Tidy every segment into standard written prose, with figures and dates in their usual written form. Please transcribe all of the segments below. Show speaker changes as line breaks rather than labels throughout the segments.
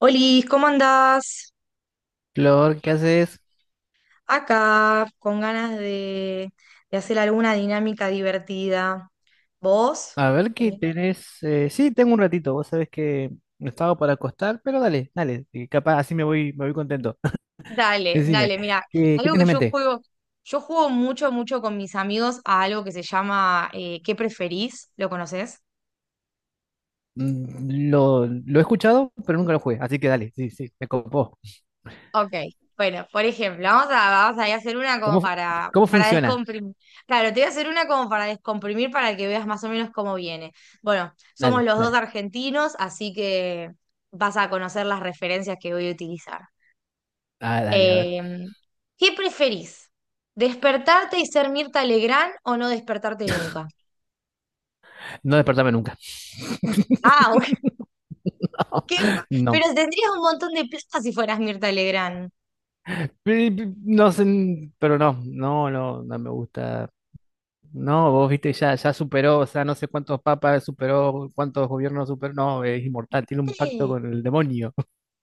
Olis, ¿cómo andás?
Flor, ¿qué haces?
Acá, con ganas de hacer alguna dinámica divertida. ¿Vos?
A ver qué
¿Tenés?
tenés. Sí, tengo un ratito. Vos sabés que estaba para acostar, pero dale, dale. Que Capaz así me voy contento.
Dale,
Decime,
dale, mira,
¿qué
algo
tenés
que
en mente?
yo juego mucho con mis amigos a algo que se llama ¿qué preferís? ¿Lo conoces?
Lo he escuchado, pero nunca lo jugué. Así que dale, sí, sí, me copó.
Ok, bueno, por ejemplo, vamos a ir a hacer una como
¿Cómo, fu-
para,
Cómo
para
funciona?
descomprimir. Claro, te voy a hacer una como para descomprimir para que veas más o menos cómo viene. Bueno, somos
Dale,
los dos
dale.
argentinos, así que vas a conocer las referencias que voy a utilizar.
Ah, dale, a ver.
Eh, ¿Qué preferís? ¿Despertarte y ser Mirta Legrand o no despertarte nunca?
No despertame nunca.
Ah, bueno, qué-
No,
pero tendrías un montón de plata si fueras Mirta Legrand.
No sé, pero no, no, no, no me gusta. No, vos viste, ya, ya superó, o sea, no sé cuántos papas superó, cuántos gobiernos superó, no, es inmortal, tiene un pacto con el demonio.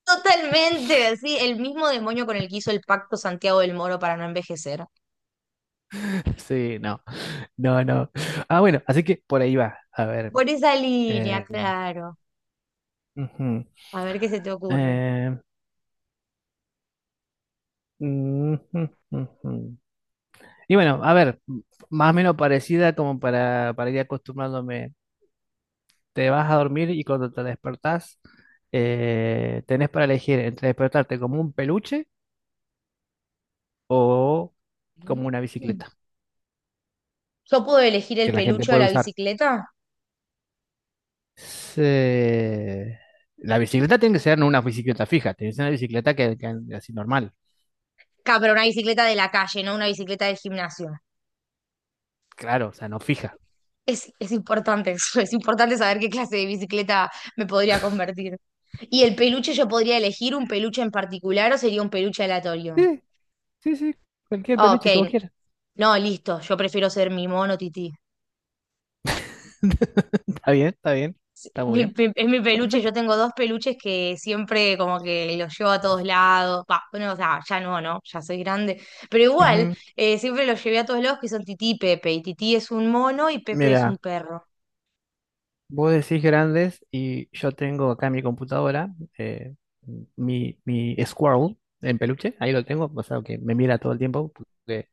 Totalmente, sí, el mismo demonio con el que hizo el pacto Santiago del Moro para no envejecer.
Sí, no, no, no. Ah, bueno, así que por ahí va. A ver.
Por esa línea,
eh,
claro.
Ujú,
A ver qué se te ocurre.
eh, ujú, ujú. Y bueno, a ver, más o menos parecida como para ir acostumbrándome. Te vas a dormir y cuando te despertás, tenés para elegir entre despertarte como un peluche o como una bicicleta.
¿Yo puedo elegir el
Que la gente
peluche de
puede
la
usar.
bicicleta?
Se- La bicicleta tiene que ser no una bicicleta fija, tiene que ser una bicicleta que ande así normal,
Claro, pero una bicicleta de la calle, no una bicicleta del gimnasio.
claro, o sea, no fija.
Es importante eso, es importante saber qué clase de bicicleta me podría convertir. ¿Y el peluche yo podría elegir un peluche en particular o sería un peluche aleatorio?
Sí, sí, sí, cualquier
Ah, ok,
peluche que vos quieras.
no, listo, yo prefiero ser mi mono tití.
Está bien, está bien,
Sí,
está muy bien,
es mi
está
peluche,
perfecto.
yo tengo dos peluches que siempre como que los llevo a todos lados. Va, bueno, o sea, ya no, ¿no? Ya soy grande. Pero igual,
Ujú.
siempre los llevé a todos lados que son Tití y Pepe. Y Tití es un mono y Pepe es un
Mira,
perro.
vos decís grandes y yo tengo acá en mi computadora eh, mi Squirrel en peluche, ahí lo tengo, o sea, que me mira todo el tiempo, porque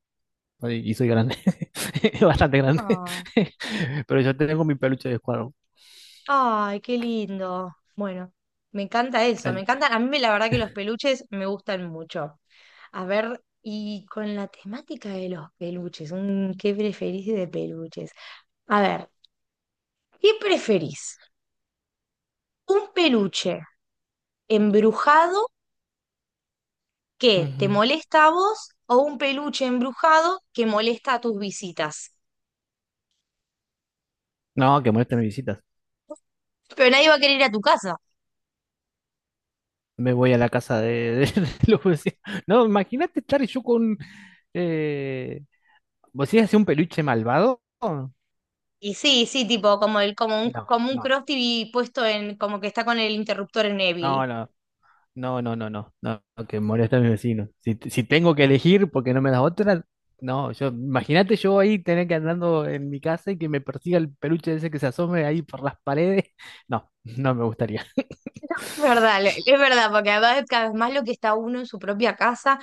ay, y soy grande, bastante grande.
Ah,
Pero yo tengo mi peluche de Squarrow.
ay, qué lindo. Bueno, me encanta eso, me
Dale.
encanta. A mí la verdad que los peluches me gustan mucho. A ver, y con la temática de los peluches, ¿qué preferís de peluches? A ver, ¿qué preferís? ¿Un peluche embrujado que te
Ujú.
molesta a vos o un peluche embrujado que molesta a tus visitas?
No, que moleste mis visitas.
Pero nadie va a querer ir a tu casa.
Me voy a la casa de los vecinos. No, imagínate estar yo con. Eh... ¿Vos decís un peluche malvado? No,
Y sí, sí, tipo, como el,
no,
como un Cross TV puesto en, como que está con el interruptor en Evil.
no, no. No, no, no, no, no, no, que molesta a mis vecinos. Si, si tengo que elegir porque no me das otra, no, yo, imagínate yo ahí tener que andando en mi casa y que me persiga el peluche ese que se asome ahí por las paredes. No, no me gustaría.
Es verdad, es verdad, porque además cada vez más lo que está uno en su propia casa,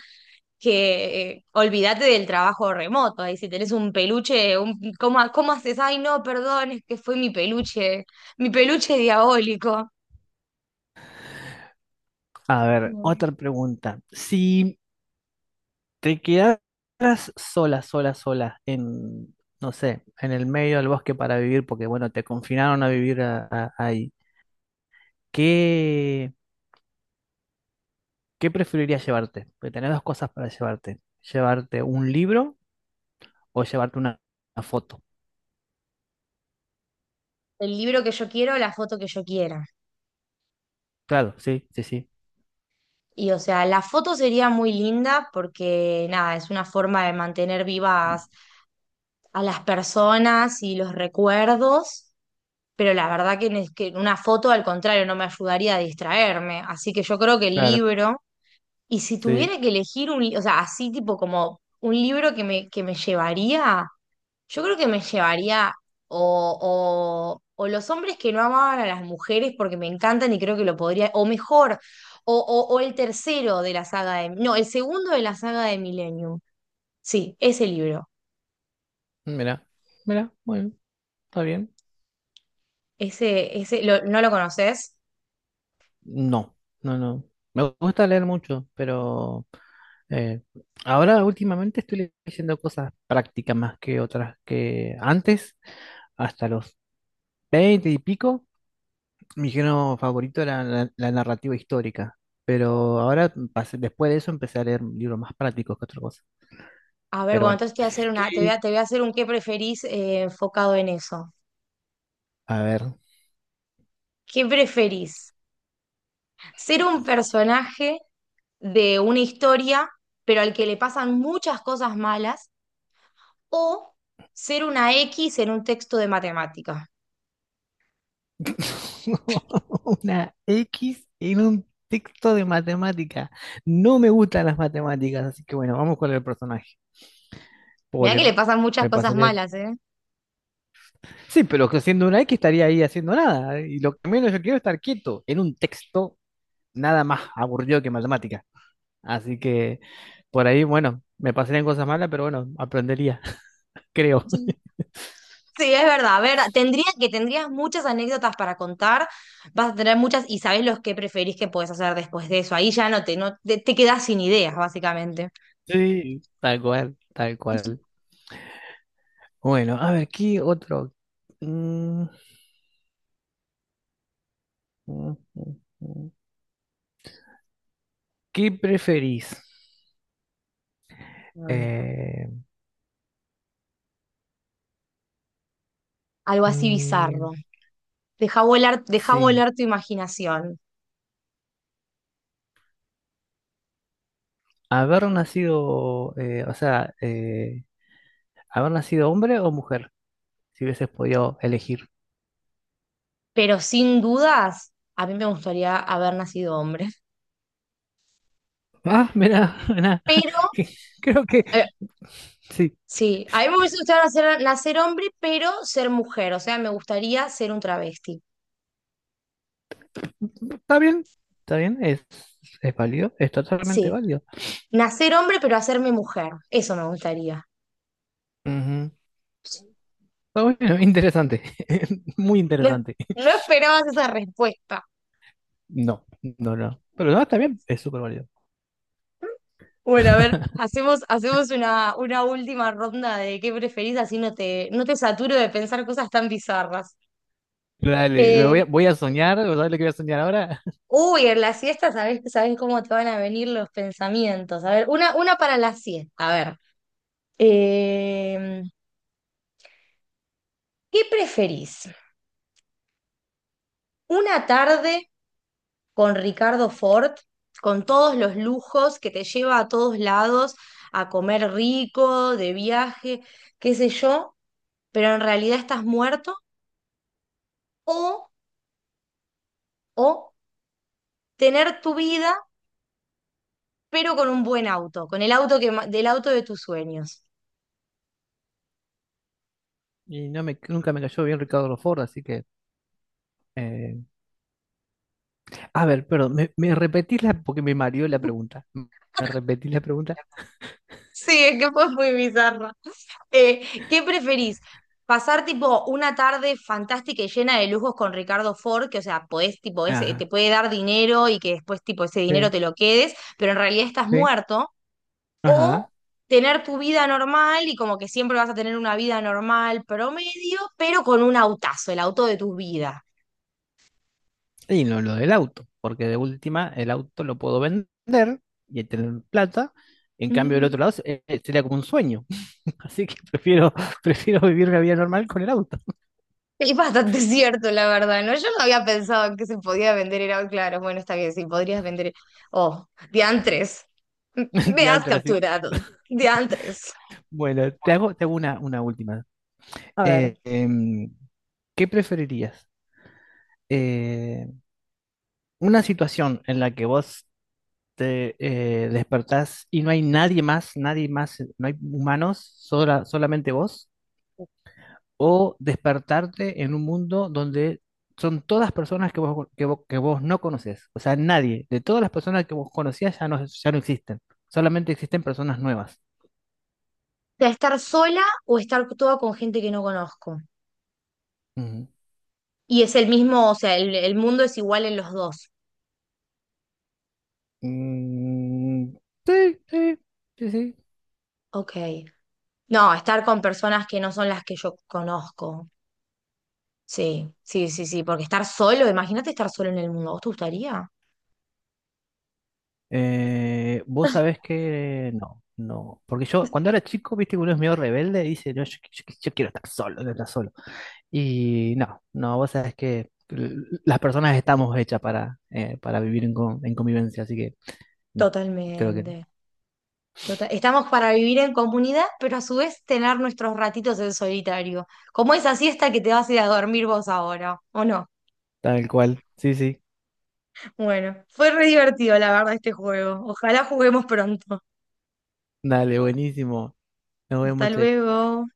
que olvídate del trabajo remoto, ahí si tenés un peluche, un, ¿cómo, cómo haces? Ay, no, perdón, es que fue mi peluche diabólico.
A ver, otra pregunta. Si te quedaras sola, sola, sola en, no sé, en el medio del bosque para vivir, porque bueno, te confinaron a vivir ahí, ¿qué, ¿qué preferirías llevarte? Porque tenés dos cosas para llevarte. ¿Llevarte un libro o llevarte una foto?
El libro que yo quiero, la foto que yo quiera.
Claro, sí, sí, sí.
Y o sea, la foto sería muy linda porque nada, es una forma de mantener vivas a las personas y los recuerdos, pero la verdad que, que una foto al contrario no me ayudaría a distraerme. Así que yo creo que el
Claro,
libro, y si
sí.
tuviera que elegir un, o sea, así tipo como un libro que me llevaría. Yo creo que me llevaría o los hombres que no amaban a las mujeres porque me encantan y creo que lo podría, o mejor, o el tercero de la saga de, no, el segundo de la saga de Millennium. Sí, ese libro.
Mira, mira, bueno, está bien.
Ese, ¿no lo conoces?
No, no, no. Me gusta leer mucho, pero eh, ahora últimamente estoy leyendo cosas prácticas más que otras que antes, hasta los 20 y pico. Mi género favorito era la narrativa histórica, pero ahora después de eso empecé a leer libros más prácticos que otras cosas.
A ver,
Pero
bueno,
bueno,
entonces te voy a hacer
¿qué?
una, te voy a hacer un qué preferís enfocado en eso.
A ver,
¿Qué preferís? ¿Ser un personaje de una historia, pero al que le pasan muchas cosas malas, o ser una X en un texto de matemáticas?
una X en un texto de matemática. No me gustan las matemáticas, así que bueno, vamos con el personaje.
Mirá que
Pobre,
le pasan muchas
me
cosas
pasaría.
malas, ¿eh?
Sí, pero que siendo una X estaría ahí haciendo nada. ¿Eh? Y lo que menos yo quiero es estar quieto en un texto nada más aburrido que matemática. Así que por ahí, bueno, me pasarían cosas malas, pero bueno, aprendería, creo.
Sí. Sí, es verdad, verdad. Tendría que tendrías muchas anécdotas para contar, vas a tener muchas y sabés los que preferís que podés hacer después de eso. Ahí ya te quedás sin ideas, básicamente.
Sí, tal cual, tal cual. Bueno, a ver, ¿qué otro? Mm, ujú, ujú. ¿Qué preferís?
A ver.
Eh,
Algo así
mm,
bizarro. Deja
sí,
volar tu imaginación.
haber nacido, eh, o sea, eh, haber nacido hombre o mujer, si hubieses podido elegir.
Pero sin dudas, a mí me gustaría haber nacido hombre.
Ah, mira, mira,
Pero
creo que sí,
sí, a mí me hubiese gustado nacer, nacer hombre, pero ser mujer. O sea, me gustaría ser un travesti.
está bien, está bien, es válido, es totalmente
Sí,
válido.
nacer hombre, pero hacerme mujer. Eso me gustaría.
Ujú. Está bueno, interesante, muy
No,
interesante.
no esperabas esa respuesta.
No, no, no, pero no, está bien, es súper válido.
Bueno, a ver, hacemos, hacemos una última ronda de qué preferís, así no te saturo de pensar cosas tan bizarras.
Dale,
Eh,
voy a soñar, ¿sabes lo que voy a soñar ahora?
uy, en la siesta sabés, sabés cómo te van a venir los pensamientos. A ver, una para la siesta. A ver, em, ¿qué preferís? Una tarde con Ricardo Ford, con todos los lujos que te lleva a todos lados, a comer rico, de viaje, qué sé yo, pero en realidad estás muerto, o, o tener tu vida, pero con un buen auto, con el auto del auto de tus sueños.
Y no me, nunca me cayó bien Ricardo Ford, así que... eh, A ver, perdón, ¿me, me repetís la... porque me mareó la pregunta. ¿Me repetís la pregunta?
Sí, es que fue muy bizarro. ¿Qué preferís? ¿Pasar tipo una tarde fantástica y llena de lujos con Ricardo Ford, que o sea, podés, tipo, ese, te
Ajá,
puede dar dinero y que después tipo ese dinero
sí,
te lo quedes, pero en realidad estás
sí,
muerto? ¿O
ajá.
tener tu vida normal y como que siempre vas a tener una vida normal promedio, pero con un autazo, el auto de tu vida?
Y no lo del auto, porque de última el auto lo puedo vender y tener plata. En cambio, del otro
Mm.
lado sería como un sueño. Así que prefiero, prefiero vivir la vida normal con el auto.
Es bastante cierto, la verdad, ¿no? Yo no había pensado que se podía vender helado, claro. Bueno, está bien, sí, podrías vender. Oh, diantres. Me has
Diantre, así.
capturado. Diantres.
Bueno, te hago una última.
A ver. O
Eh, em, ¿Qué preferirías? Eh, una situación en la que vos te despertás y no hay nadie más, nadie más, no hay humanos, solamente vos, o despertarte en un mundo donde son todas personas que vos no conoces, o sea, nadie, de todas las personas que vos conocías ya no, ya no existen, solamente existen personas nuevas.
estar sola o estar toda con gente que no conozco.
Ujú.
Y es el mismo, o sea, el mundo es igual en los dos.
Mm, sí, sí, sí, sí.
Ok. No, estar con personas que no son las que yo conozco. Sí, sí, sí, sí. Porque estar solo, imagínate estar solo en el mundo. ¿Vos te gustaría?
Vos sabés que no, no. Porque yo, cuando era chico, viste que uno es medio rebelde y dice, no, yo, yo quiero estar solo, quiero estar solo. Y no, no, vos sabés que las personas estamos hechas para vivir en, en convivencia, así que no, creo que
Totalmente. Estamos para vivir en comunidad, pero a su vez tener nuestros ratitos en solitario, como esa siesta que te vas a ir a dormir vos ahora, ¿o no?
tal cual. Sí, sí,
Bueno, fue re divertido la verdad este juego. Ojalá juguemos pronto.
dale, buenísimo. Nos vemos,
Hasta
che.
luego.